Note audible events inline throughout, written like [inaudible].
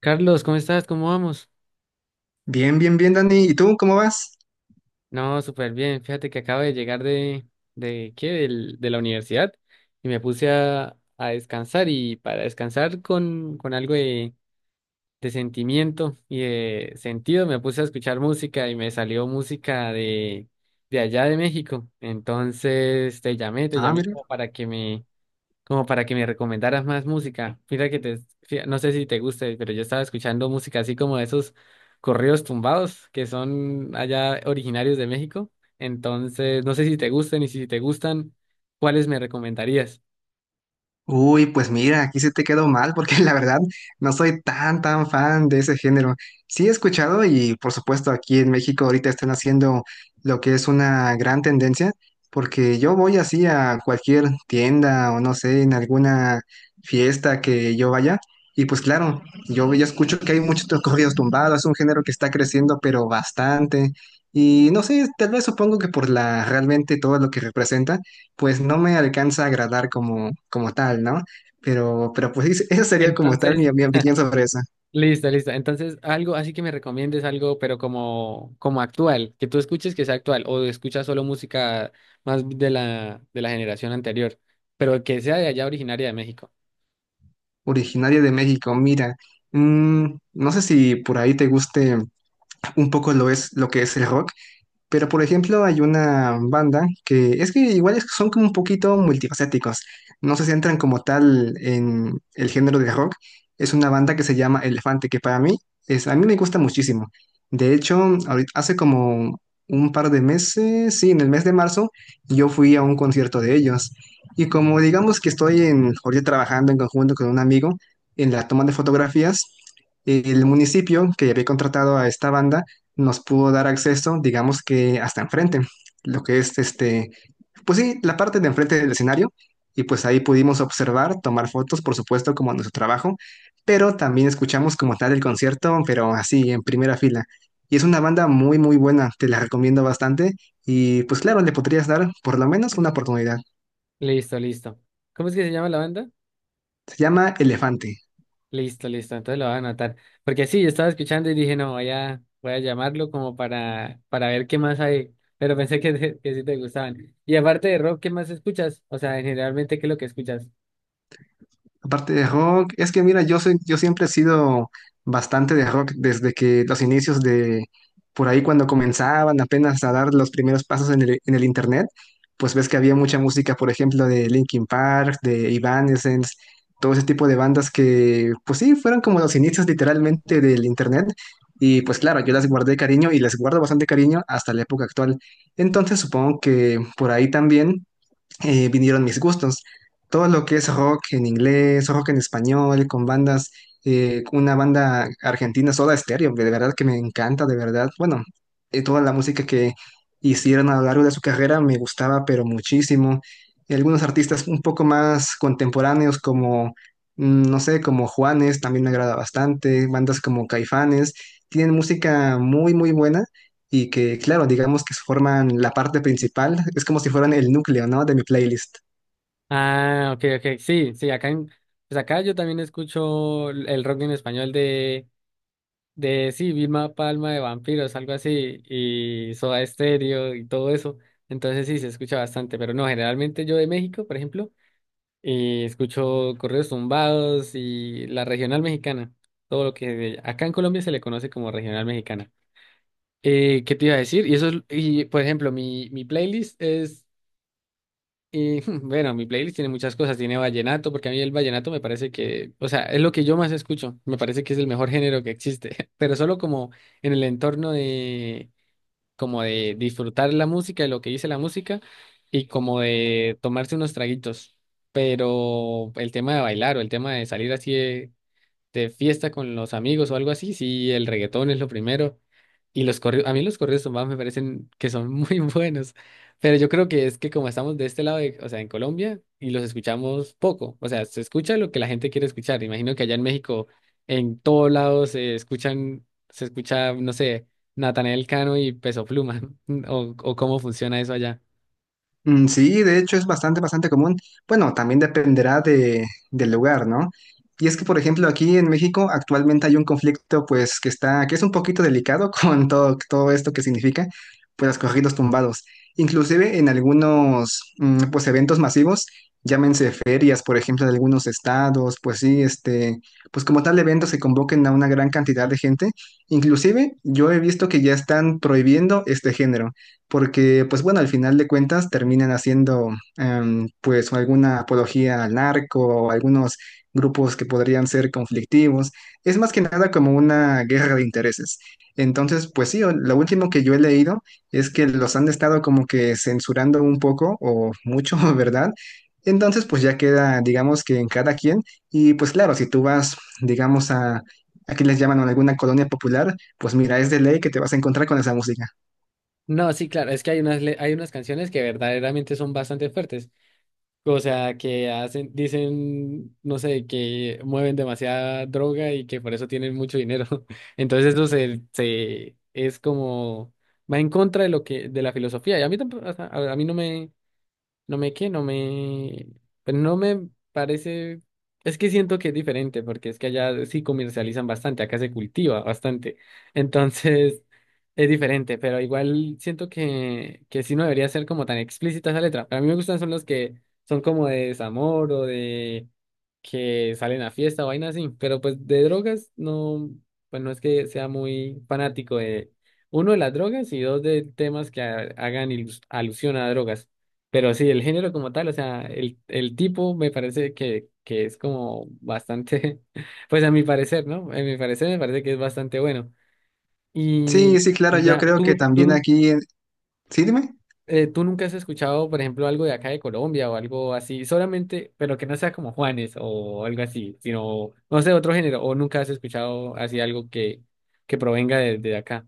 Carlos, ¿cómo estás? ¿Cómo vamos? Bien, bien, bien, Dani. ¿Y tú cómo vas? No, súper bien. Fíjate que acabo de llegar de ¿qué? De la universidad y me puse a descansar y para descansar con algo de sentimiento y de sentido me puse a escuchar música y me salió música de allá de México. Entonces te Ah, llamé mira. como para que como para que me recomendaras más música. Mira que te, no sé si te guste, pero yo estaba escuchando música así como de esos corridos tumbados que son allá originarios de México. Entonces, no sé si te gusten y si te gustan, ¿cuáles me recomendarías? Uy, pues mira, aquí se te quedó mal porque [laughs] la verdad no soy tan, tan fan de ese género. Sí he escuchado y por supuesto aquí en México ahorita están haciendo lo que es una gran tendencia porque yo voy así a cualquier tienda o no sé, en alguna fiesta que yo vaya y pues claro, yo ya escucho que hay muchos corridos tumbados, es un género que está creciendo pero bastante y no sé, tal vez supongo que por la realmente todo lo que representa. Pues no me alcanza a agradar como, tal, ¿no? Pero, pues esa sería como tal Entonces, mi opinión sobre esa. listo, listo. Entonces, algo así que me recomiendes algo, pero como, como actual, que tú escuches que sea actual o escuchas solo música más de de la generación anterior, pero que sea de allá originaria de México. Originaria de México, mira. mm, no sé si por ahí te guste un poco lo que es el rock. Pero, por ejemplo, hay una banda que es que igual son como un poquito multifacéticos. No se centran como tal en el género de rock. Es una banda que se llama Elefante, que para mí es, a mí me gusta muchísimo. De hecho, hace como un par de meses, sí, en el mes de marzo, yo fui a un concierto de ellos. Y como digamos que estoy en, ahorita trabajando en conjunto con un amigo en la toma de fotografías, el municipio que había contratado a esta banda nos pudo dar acceso, digamos que hasta enfrente, lo que es este, pues sí, la parte de enfrente del escenario, y pues ahí pudimos observar, tomar fotos, por supuesto, como nuestro trabajo, pero también escuchamos como tal el concierto, pero así, en primera fila. Y es una banda muy, muy buena, te la recomiendo bastante, y pues claro, le podrías dar por lo menos una oportunidad. Listo, listo. ¿Cómo es que se llama la banda? Se llama Elefante. Listo, listo, entonces lo voy a anotar. Porque sí, yo estaba escuchando y dije, no, voy a llamarlo como para ver qué más hay. Pero pensé que que sí te gustaban. Y aparte de rock, ¿qué más escuchas? O sea, generalmente, ¿qué es lo que escuchas? Aparte de rock, es que mira, yo siempre he sido bastante de rock desde que los inicios de por ahí cuando comenzaban apenas a dar los primeros pasos en el internet, pues ves que había mucha música, por ejemplo, de Linkin Park, de Evanescence, todo ese tipo de bandas que, pues sí, fueron como los inicios literalmente del internet. Y pues claro, yo las guardé cariño y les guardo bastante cariño hasta la época actual. Entonces supongo que por ahí también vinieron mis gustos. Todo lo que es rock en inglés, rock en español, con bandas, una banda argentina, Soda Stereo, de verdad que me encanta, de verdad. Bueno, toda la música que hicieron a lo largo de su carrera me gustaba, pero muchísimo. Y algunos artistas un poco más contemporáneos, como, no sé, como Juanes, también me agrada bastante. Bandas como Caifanes, tienen música muy, muy buena y que, claro, digamos que forman la parte principal, es como si fueran el núcleo, ¿no? De mi playlist. Ah, ok, ok, sí, sí, pues acá yo también escucho el rock en español sí, Vilma Palma de Vampiros, algo así, y Soda Stereo y todo eso. Entonces sí, se escucha bastante, pero no, generalmente yo de México, por ejemplo, y escucho correos tumbados y la regional mexicana, todo lo que acá en Colombia se le conoce como regional mexicana. ¿Qué te iba a decir? Y por ejemplo, mi playlist es, [laughs] bueno, mi playlist tiene muchas cosas, tiene vallenato, porque a mí el vallenato me parece que, o sea, es lo que yo más escucho, me parece que es el mejor género que existe, [laughs] pero solo como en el entorno como de disfrutar la música y lo que dice la música y como de tomarse unos traguitos. Pero el tema de bailar o el tema de salir así de fiesta con los amigos o algo así, sí, el reggaetón es lo primero. Y los corridos, a mí los corridos tumbados me parecen que son muy [laughs] buenos, pero yo creo que es que como estamos de este lado, o sea, en Colombia, y los escuchamos poco, o sea, se escucha lo que la gente quiere escuchar. Imagino que allá en México, en todos lados se escuchan, se escucha, no sé, Natanael Cano y Peso Pluma, [laughs] o cómo funciona eso allá. Mm, sí, de hecho es bastante, bastante común. Bueno, también dependerá de, del lugar, ¿no? Y es que, por ejemplo, aquí en México actualmente hay un conflicto, pues, que está, que es un poquito delicado [laughs] con todo, todo esto que significa, pues, los corridos tumbados. Inclusive en algunos, pues, eventos masivos, llámense ferias, por ejemplo, de algunos estados, pues sí, este, pues como tal eventos que convoquen a una gran cantidad de gente. Inclusive yo he visto que ya están prohibiendo este género porque pues bueno, al final de cuentas terminan haciendo pues alguna apología al narco o algunos grupos que podrían ser conflictivos. Es más que nada como una guerra de intereses. Entonces, pues sí, lo último que yo he leído es que los han estado como que censurando un poco o mucho, [laughs] ¿verdad? Entonces, pues ya queda, digamos que en cada quien. Y pues claro, si tú vas, digamos, a, aquí les llaman a alguna colonia popular, pues mira, es de ley que te vas a encontrar con esa música. No, sí, claro, es que hay hay unas canciones que verdaderamente son bastante fuertes. O sea, que hacen, dicen, no sé, que mueven demasiada droga y que por eso tienen mucho dinero. [laughs] Entonces eso se es como va en contra de lo que, de la filosofía. Y a mí tampoco, o sea, a mí no me, no me qué no me. Pero no me parece. Es que siento que es diferente, porque es que allá sí comercializan bastante, acá se cultiva bastante. Entonces, [laughs] es diferente, pero igual siento que sí no debería ser como tan explícita esa letra. Para mí me gustan son los que son como de desamor o de que salen a fiesta o vaina así. Pero pues de drogas, no, pues no es que sea muy fanático de uno de las drogas y dos de temas que hagan alusión a drogas. Pero sí, el género como tal, o sea, el tipo me parece que es como bastante, [laughs] pues a mi parecer, ¿no? A mi parecer me parece que es bastante bueno. Sí, Y, sí, claro, y yo ya, creo que tú, tú, también nu- aquí, sí, dime. eh, tú nunca has escuchado, por ejemplo, algo de acá de Colombia o algo así, solamente, pero que no sea como Juanes o algo así, sino, no sé, otro género, o nunca has escuchado así algo que provenga de acá.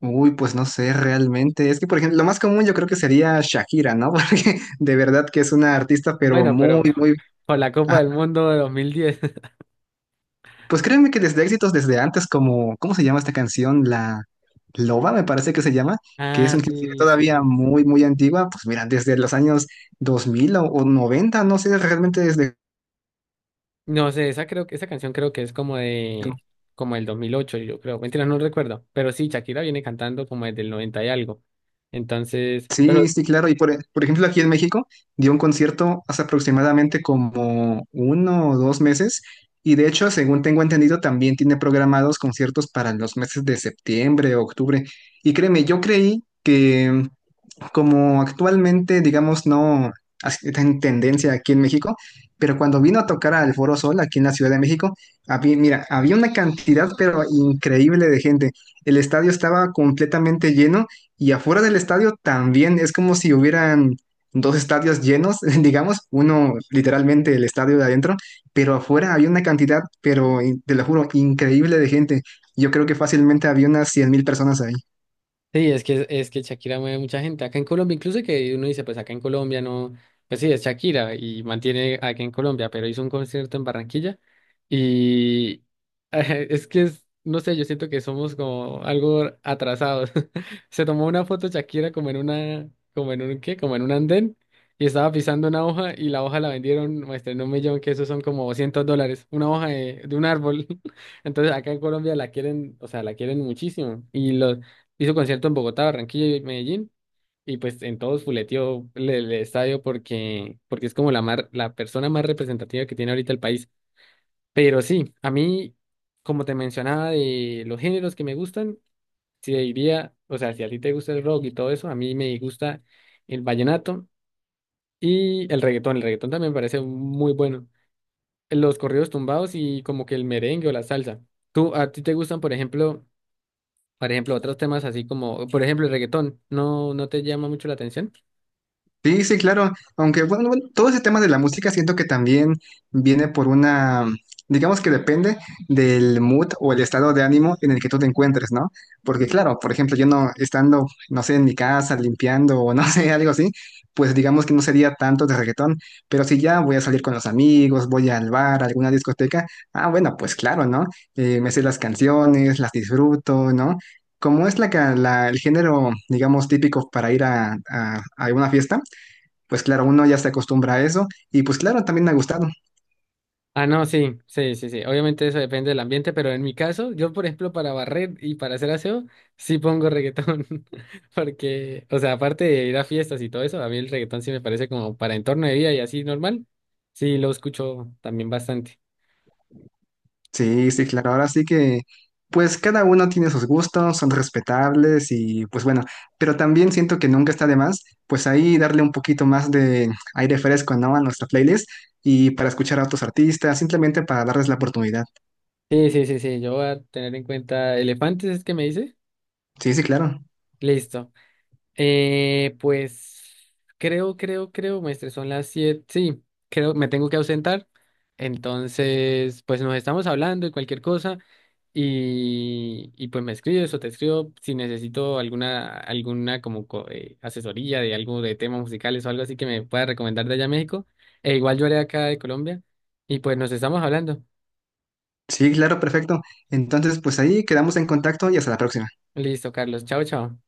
Uy, pues no sé realmente. Es que, por ejemplo, lo más común yo creo que sería Shakira, ¿no? [laughs] Porque de verdad que es una artista, pero Bueno, pero muy, muy... [laughs] por la Copa Ajá. del Mundo de 2010 [laughs] Pues créeme que desde éxitos desde antes, como, ¿cómo se llama esta canción? La Loba, me parece que se llama, que es Ah, inclusive sí, sí, todavía sí. muy, muy antigua. Pues mira, desde los años 2000 o 90, no sé realmente desde... No sé, esa creo que esa canción creo que es como de como el 2008, yo creo. Mentira, no recuerdo, pero sí Shakira viene cantando como desde el 90 y algo. Entonces, pero Sí, sí, claro. Y por, por ejemplo, aquí en México dio un concierto hace aproximadamente como uno o dos meses. Y de hecho, según tengo entendido, también tiene programados conciertos para los meses de septiembre, octubre. Y créeme, yo creí que como actualmente, digamos, no está en tendencia aquí en México, pero cuando vino a tocar al Foro Sol aquí en la Ciudad de México, había, mira, había una cantidad, pero increíble de gente. El estadio estaba completamente lleno y afuera del estadio también es como si hubieran dos estadios llenos, [laughs] digamos, uno literalmente el estadio de adentro, pero afuera había una cantidad, pero te lo juro, increíble de gente. Yo creo que fácilmente había unas 100,000 personas ahí. sí, es que Shakira mueve mucha gente. Acá en Colombia, incluso que uno dice, pues acá en Colombia no, pues sí, es Shakira y mantiene acá en Colombia, pero hizo un concierto en Barranquilla y [laughs] es que es, no sé, yo siento que somos como algo atrasados. [laughs] Se tomó una foto Shakira como en una, como en un, ¿qué? Como en un andén y estaba pisando una hoja y la hoja la vendieron, muestra, en 1.000.000, que eso son como $200, una hoja de un árbol. [laughs] Entonces acá en Colombia la quieren, o sea, la quieren muchísimo y los hizo concierto en Bogotá, Barranquilla y Medellín. Y pues en todos fuleteó el estadio porque, porque es como la persona más representativa que tiene ahorita el país. Pero sí, a mí, como te mencionaba, de los géneros que me gustan, si diría, o sea, si a ti te gusta el rock y todo eso, a mí me gusta el vallenato y el reggaetón. El reggaetón también me parece muy bueno. Los corridos tumbados y como que el merengue o la salsa. ¿Tú, a ti te gustan, por ejemplo? Por ejemplo, otros temas así como, por ejemplo, el reggaetón, ¿no, no te llama mucho la atención? Sí, sí, claro. Aunque, bueno, bueno, todo ese tema de la música siento que también viene por una, digamos que depende del mood o el estado de ánimo en el que tú te encuentres, ¿no? Porque, claro, por ejemplo, yo no estando, no sé, en mi casa limpiando o no [laughs] sé, algo así, pues digamos que no sería tanto de reggaetón. Pero si ya voy a salir con los amigos, voy al bar, a alguna discoteca, ah, bueno, pues claro, ¿no? Me sé las canciones, las disfruto, ¿no? Como es la, el género, digamos, típico para ir a, a una fiesta, pues claro, uno ya se acostumbra a eso y pues claro, también me ha gustado. Ah, no, sí, sí, sí, sí. Obviamente eso depende del ambiente, pero en mi caso, yo, por ejemplo, para barrer y para hacer aseo, sí pongo reggaetón. [laughs] Porque, o sea, aparte de ir a fiestas y todo eso, a mí el reggaetón sí me parece como para entorno de vida y así normal. Sí, lo escucho también bastante. Sí, sí, claro. Ahora sí que, pues cada uno tiene sus gustos, son respetables y pues bueno, pero también siento que nunca está de más, pues ahí darle un poquito más de aire fresco, ¿no? A nuestra playlist y para escuchar a otros artistas, simplemente para darles la oportunidad. Sí, sí, sí, sí. Yo voy a tener en cuenta elefantes, es que me dice. Sí, sí, claro. Listo. Pues creo, maestre, son las 7. Sí, creo, me tengo que ausentar. Entonces, pues nos estamos hablando y cualquier cosa. Y pues me escribes o te escribo si necesito alguna como asesoría de algo de temas musicales o algo así que me pueda recomendar de allá a México. E igual yo haré acá de Colombia. Y pues nos estamos hablando. Sí, claro, perfecto. Entonces, pues ahí quedamos en contacto y hasta la próxima. Listo, Carlos. Chao, chao.